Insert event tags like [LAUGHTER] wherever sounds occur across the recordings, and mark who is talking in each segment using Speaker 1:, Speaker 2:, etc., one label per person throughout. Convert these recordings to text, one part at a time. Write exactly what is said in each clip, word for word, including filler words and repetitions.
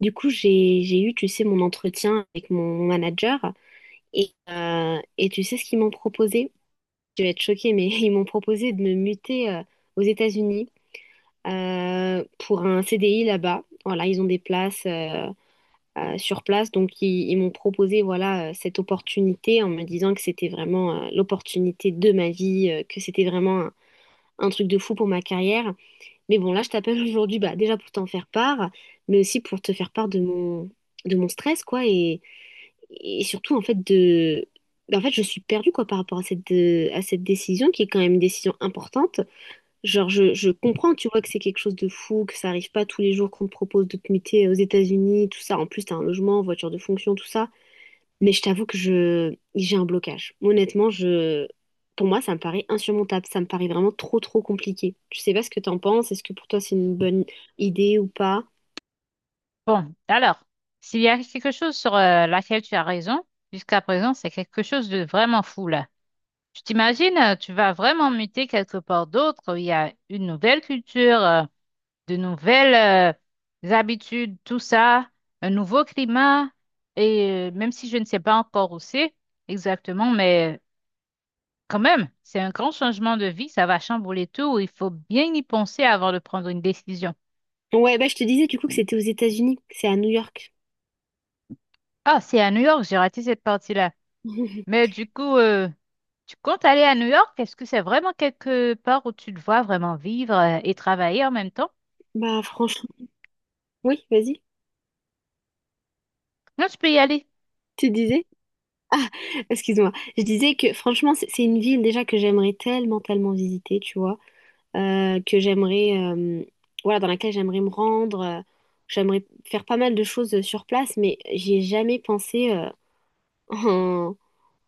Speaker 1: Du coup, j'ai, j'ai eu, tu sais, mon entretien avec mon, mon manager et, euh, et tu sais ce qu'ils m'ont proposé? Tu vas être choquée, mais [LAUGHS] ils m'ont proposé de me muter euh, aux États-Unis euh, pour un C D I là-bas. Voilà, ils ont des places euh, euh, sur place, donc ils, ils m'ont proposé voilà euh, cette opportunité en me disant que c'était vraiment euh, l'opportunité de ma vie, euh, que c'était vraiment un, un truc de fou pour ma carrière. Mais bon, là, je t'appelle [LAUGHS] aujourd'hui, bah déjà pour t'en faire part, mais aussi pour te faire part de mon de mon stress, quoi, et, et surtout en fait de ben, en fait je suis perdue quoi par rapport à cette euh, à cette décision qui est quand même une décision importante. Genre je, je comprends tu vois que c'est quelque chose de fou, que ça arrive pas tous les jours qu'on te propose de te muter euh, aux États-Unis, tout ça, en plus t'as un logement, voiture de fonction, tout ça, mais je t'avoue que je j'ai un blocage. Honnêtement, je, pour moi ça me paraît insurmontable, ça me paraît vraiment trop trop compliqué. Je sais pas ce que t'en penses. Est-ce que pour toi c'est une bonne idée ou pas?
Speaker 2: Bon, alors, s'il y a quelque chose sur euh, laquelle tu as raison, jusqu'à présent, c'est quelque chose de vraiment fou là. Tu t'imagines, euh, tu vas vraiment muter quelque part d'autre, où il y a une nouvelle culture, euh, de nouvelles euh, habitudes, tout ça, un nouveau climat, et euh, même si je ne sais pas encore où c'est exactement, mais euh, quand même, c'est un grand changement de vie, ça va chambouler tout, il faut bien y penser avant de prendre une décision.
Speaker 1: Ouais, bah je te disais du coup que c'était aux États-Unis, que c'est à New York.
Speaker 2: Ah, c'est à New York, j'ai raté cette partie-là.
Speaker 1: [LAUGHS]
Speaker 2: Mais du coup, euh, Tu comptes aller à New York? Est-ce que c'est vraiment quelque part où tu te vois vraiment vivre euh, et travailler en même temps?
Speaker 1: Bah franchement. Oui, vas-y.
Speaker 2: Non, tu peux y aller.
Speaker 1: Tu disais, excuse-moi, je disais que franchement, c'est c'est une ville déjà que j'aimerais tellement, tellement visiter, tu vois, euh, que j'aimerais, euh, voilà, dans laquelle j'aimerais me rendre, euh, j'aimerais faire pas mal de choses euh, sur place, mais j'y ai jamais pensé euh, [LAUGHS] en,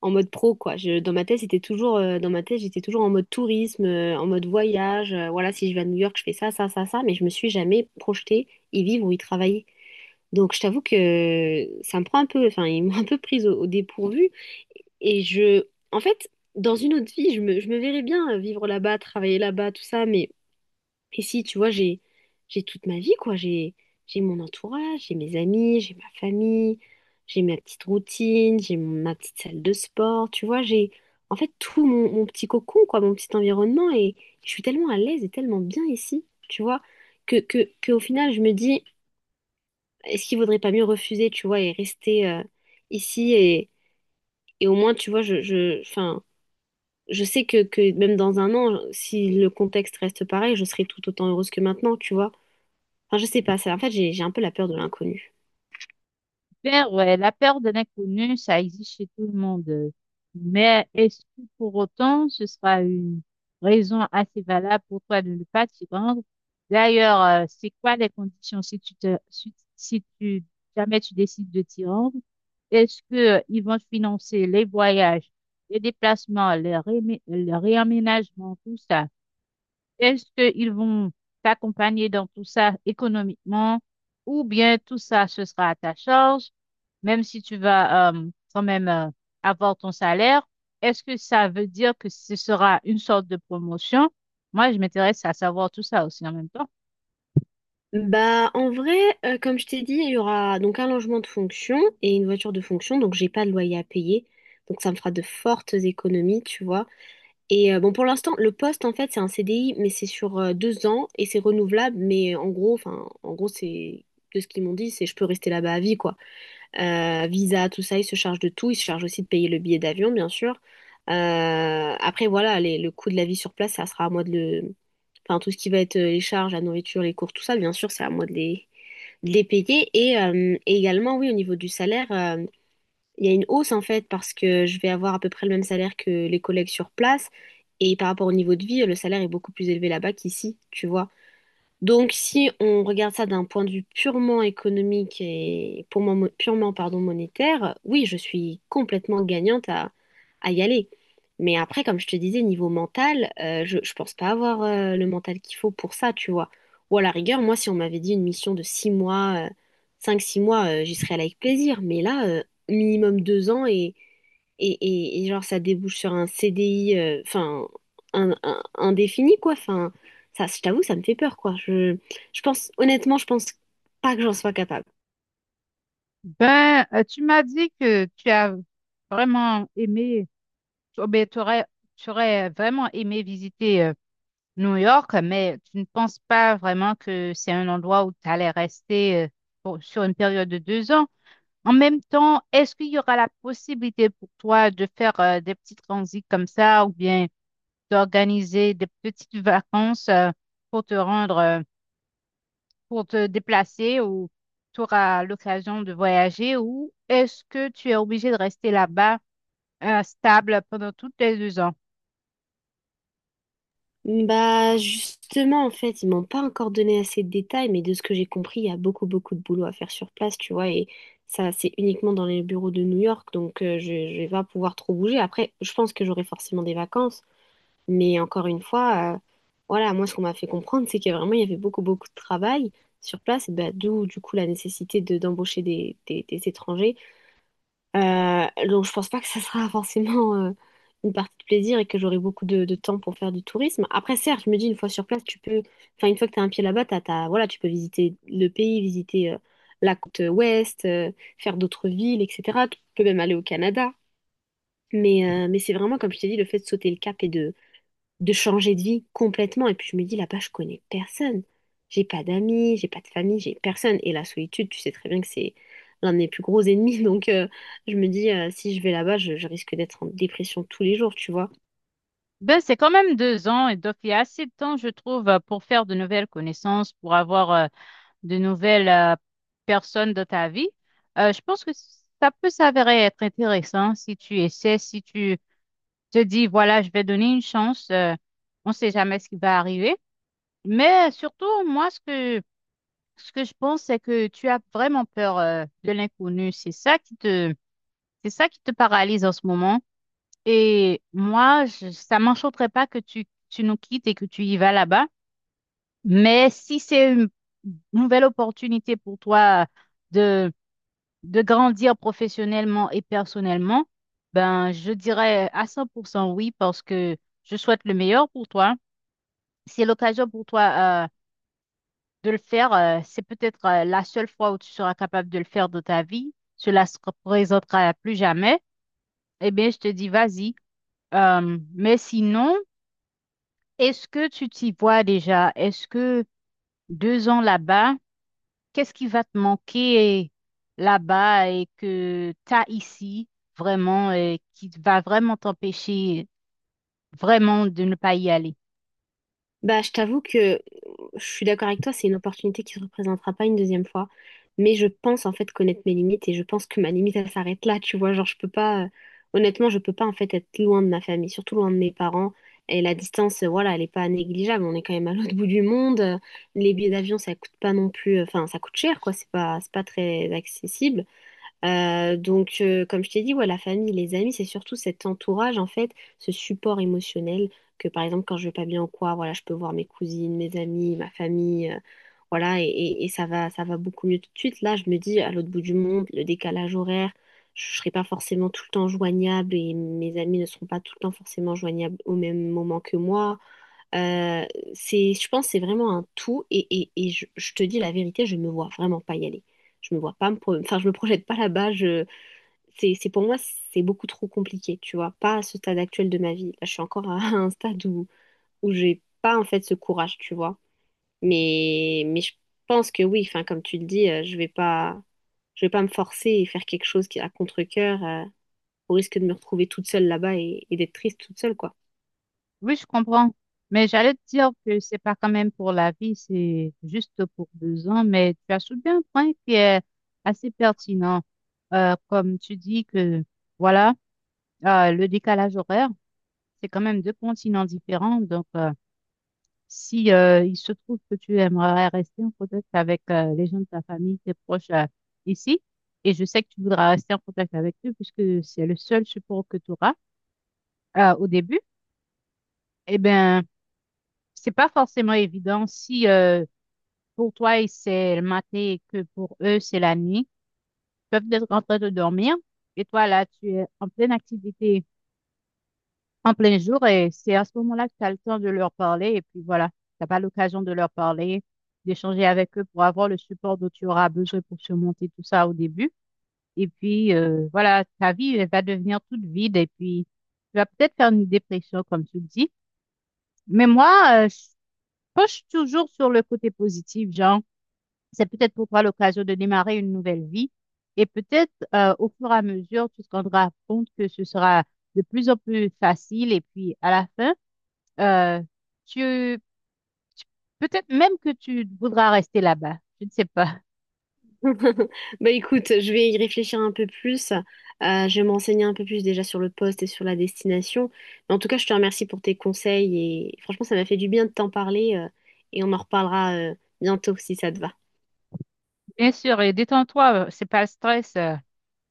Speaker 1: en mode pro, quoi. Je, dans ma tête, c'était toujours, euh, dans ma tête, j'étais toujours en mode tourisme, euh, en mode voyage, euh, voilà, si je vais à New York, je fais ça, ça, ça, ça, mais je me suis jamais projetée y vivre ou y travailler. Donc, je t'avoue que ça me prend un peu, enfin, ils m'ont un peu prise au au dépourvu. Et je, en fait, dans une autre vie, je me, je me verrais bien euh, vivre là-bas, travailler là-bas, tout ça. Mais ici, tu vois, j'ai, j'ai toute ma vie, quoi. J'ai, j'ai mon entourage, j'ai mes amis, j'ai ma famille, j'ai ma petite routine, j'ai mon- ma petite salle de sport. Tu vois, j'ai, en fait, tout mon, mon petit cocon, quoi, mon petit environnement. Et je suis tellement à l'aise et tellement bien ici, tu vois, que, que, que au final, je me dis, est-ce qu'il vaudrait pas mieux refuser, tu vois, et rester euh, ici et, et au moins, tu vois, je, je, enfin je sais que, que même dans un an, si le contexte reste pareil, je serai tout autant heureuse que maintenant, tu vois. Enfin, je sais pas, ça, en fait, j'ai, j'ai un peu la peur de l'inconnu.
Speaker 2: Bien, ouais, la peur de l'inconnu, ça existe chez tout le monde. euh. Mais est-ce que pour autant, ce sera une raison assez valable pour toi de ne pas t'y rendre? D'ailleurs, euh, c'est quoi les conditions si tu te, si, si tu, jamais tu décides de t'y rendre? Est-ce que euh, ils vont te financer les voyages, les déplacements, les rémi- le réaménagement, tout ça? Est-ce qu'ils vont t'accompagner dans tout ça économiquement ou bien tout ça, ce sera à ta charge, même si tu vas euh, quand même euh, avoir ton salaire? Est-ce que ça veut dire que ce sera une sorte de promotion? Moi, je m'intéresse à savoir tout ça aussi en même temps.
Speaker 1: Bah, en vrai, euh, comme je t'ai dit, il y aura donc un logement de fonction et une voiture de fonction, donc j'ai pas de loyer à payer. Donc ça me fera de fortes économies, tu vois. Et euh, bon, pour l'instant, le poste, en fait, c'est un C D I, mais c'est sur euh, deux ans et c'est renouvelable. Mais euh, en gros, enfin, en gros, c'est de ce qu'ils m'ont dit, c'est je peux rester là-bas à vie, quoi. Euh, visa, tout ça, ils se chargent de tout. Ils se chargent aussi de payer le billet d'avion, bien sûr. Euh, après, voilà, les- le coût de la vie sur place, ça sera à moi de le... Enfin, tout ce qui va être euh, les charges, la nourriture, les cours, tout ça, bien sûr, c'est à moi de les, de les payer. Et, euh, et également, oui, au niveau du salaire, euh, il y a une hausse en fait parce que je vais avoir à peu près le même salaire que les collègues sur place, et par rapport au niveau de vie, le salaire est beaucoup plus élevé là-bas qu'ici, tu vois. Donc, si on regarde ça d'un point de vue purement économique et pour moi, mo- purement pardon, monétaire, oui, je suis complètement gagnante à, à y aller. Mais après, comme je te disais, niveau mental, euh, je, je pense pas avoir euh, le mental qu'il faut pour ça, tu vois. Ou à la rigueur, moi, si on m'avait dit une mission de six mois, euh, cinq, six mois, euh, j'y serais allée avec plaisir. Mais là, euh, minimum deux ans et, et, et, et genre ça débouche sur un C D I, euh, enfin, un, un- indéfini, quoi. Enfin, ça, je t'avoue, ça me fait peur, quoi. Je, je pense, honnêtement, je pense pas que j'en sois capable.
Speaker 2: Ben, euh, tu m'as dit que tu as vraiment aimé, tu, ben, t'aurais- tu aurais, vraiment aimé visiter New York, mais tu ne penses pas vraiment que c'est un endroit où tu allais rester euh, pour- sur une période de deux ans. En même temps, est-ce qu'il y aura la possibilité pour toi de faire euh, des petits transits comme ça ou bien d'organiser des petites vacances euh, pour te rendre, euh, pour te déplacer ou tu auras l'occasion de voyager ou est-ce que tu es obligé de rester là-bas, euh, stable pendant toutes les deux ans?
Speaker 1: Bah, justement, en fait, ils m'ont pas encore donné assez de détails, mais de ce que j'ai compris, il y a beaucoup, beaucoup de boulot à faire sur place, tu vois, et ça, c'est uniquement dans les bureaux de New York, donc euh, je, je vais pas pouvoir trop bouger. Après, je pense que j'aurai forcément des vacances, mais encore une fois, euh, voilà, moi, ce qu'on m'a fait comprendre, c'est qu'il y a vraiment, il y avait beaucoup, beaucoup de travail sur place, et bah, d'où, du coup, la nécessité de, d'embaucher des, des des étrangers. Euh, donc je pense pas que ça sera [LAUGHS] forcément euh, une partie de plaisir et que j'aurai beaucoup de, de temps pour faire du tourisme. Après, certes, je me dis une fois sur place, tu peux, enfin une fois que tu as un pied là-bas, t'as, t'as- voilà, tu peux visiter le pays, visiter euh, la côte ouest, euh, faire d'autres villes, et cetera. Tu peux même aller au Canada. Mais, euh, mais c'est vraiment, comme je t'ai dit, le fait de sauter le cap et de, de changer de vie complètement. Et puis je me dis, là-bas, je connais personne. J'ai pas d'amis, j'ai pas de famille, j'ai personne. Et la solitude, tu sais très bien que c'est l'un de mes plus gros ennemis. [LAUGHS] Donc euh, je me dis, euh, si je vais là-bas, je, je risque d'être en dépression tous les jours, tu vois.
Speaker 2: Ben, c'est quand même deux ans et donc il y a assez de temps, je trouve, euh, pour faire de nouvelles connaissances, pour avoir euh, de nouvelles euh, personnes dans ta vie. Euh, je pense que ça peut s'avérer être intéressant si tu essaies, si tu te dis, voilà, je vais donner une chance. Euh, on ne sait jamais ce qui va arriver. Mais surtout, moi, ce que, ce que je pense, c'est que tu as vraiment peur, euh, de l'inconnu. C'est ça qui te, c'est ça qui te paralyse en ce moment. Et moi, je, ça m'enchanterait pas que tu, tu nous quittes et que tu y vas là-bas. Mais si c'est une nouvelle opportunité pour toi de, de grandir professionnellement et personnellement, ben, je dirais à cent pour cent oui parce que je souhaite le meilleur pour toi. Si c'est l'occasion pour toi euh, de le faire. Euh, c'est peut-être euh, la seule fois où tu seras capable de le faire de ta vie. Cela se représentera plus jamais. Eh bien, je te dis, vas-y. Euh, mais sinon, est-ce que tu t'y vois déjà? Est-ce que deux ans là-bas, qu'est-ce qui va te manquer là-bas et que tu as ici vraiment, et qui va vraiment t'empêcher vraiment de ne pas y aller?
Speaker 1: Bah, je t'avoue que euh, je suis d'accord avec toi, c'est une opportunité qui ne se représentera pas une deuxième fois. Mais je pense en fait connaître mes limites et je pense que ma limite elle s'arrête là, tu vois. Genre, je peux pas, euh, honnêtement, je peux pas en fait être loin de ma famille, surtout loin de mes parents. Et la distance, euh, voilà, elle est pas négligeable. On est quand même à l'autre [LAUGHS] bout du monde. Euh, Les billets d'avion, ça coûte pas non plus, euh, enfin, ça coûte cher, quoi. C'est pas, c'est pas très accessible. Euh, donc, euh, comme je t'ai dit, ouais, la famille, les amis, c'est surtout cet entourage, en fait, ce support émotionnel que, par exemple, quand je vais pas bien ou quoi, voilà, je peux voir mes cousines, mes amis, ma famille, euh, voilà, et, et- et ça va, ça va beaucoup mieux tout de suite. Là, je me dis, à l'autre bout du monde, le décalage horaire, je serai pas forcément tout le temps joignable et mes amis ne seront pas tout le temps forcément joignables au même moment que moi. Euh, c'est, je pense que c'est vraiment un tout et, et, et je, je te dis la vérité, je me vois vraiment pas y aller. Je me vois pas me pro- enfin, je me projette pas là-bas. Je, c'est, c'est pour moi, c'est beaucoup trop compliqué, tu vois. Pas à ce stade actuel de ma vie. Là, je suis encore à [LAUGHS] un stade où, où j'ai pas en fait ce courage, tu vois. Mais, mais je pense que oui, enfin, comme tu le dis, euh, je vais pas, je vais pas me forcer et faire quelque chose qui à contre-cœur, euh, au risque de me retrouver toute seule là-bas et, et d'être triste toute seule, quoi.
Speaker 2: Oui, je comprends. Mais j'allais te dire que c'est pas quand même pour la vie, c'est juste pour deux ans. Mais tu as soulevé un point qui est assez pertinent. Euh, comme tu dis que, voilà, euh, le décalage horaire, c'est quand même deux continents différents. Donc, euh, si euh, il se trouve que tu aimerais rester en contact avec euh, les gens de ta famille, tes proches euh, ici, et je sais que tu voudras rester en contact avec eux puisque c'est le seul support que tu auras euh, au début, eh bien, c'est pas forcément évident si euh, pour toi il- c'est le matin et que pour eux c'est la nuit. Ils peuvent être en train de dormir et toi là tu es en pleine activité, en plein jour et c'est à ce moment-là que tu as le temps de leur parler et puis voilà, t'as pas l'occasion de leur parler, d'échanger avec eux pour avoir le support dont tu auras besoin pour surmonter tout ça au début. Et puis euh, voilà, ta vie elle va devenir toute vide et puis tu vas peut-être faire une dépression comme tu le dis. Mais moi, euh, je penche toujours sur le côté positif, genre. C'est peut-être pour toi l'occasion de démarrer une nouvelle vie. Et peut-être euh, au fur et à mesure, tu te rendras compte que ce sera de plus en plus facile. Et puis à la fin, euh, tu peut-être même que tu voudras rester là-bas. Je ne sais pas.
Speaker 1: [LAUGHS] Bah écoute, je vais y réfléchir un peu plus. Euh, je vais m'enseigner un peu plus déjà sur le poste et sur la destination. Mais en tout cas, je te remercie pour tes conseils et franchement, ça m'a fait du bien de t'en parler euh, et on en reparlera euh, bientôt si ça te va.
Speaker 2: Bien sûr, et détends-toi, euh, c'est pas le stress. euh,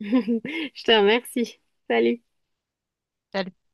Speaker 1: [LAUGHS] Je te remercie. Salut.
Speaker 2: T'as le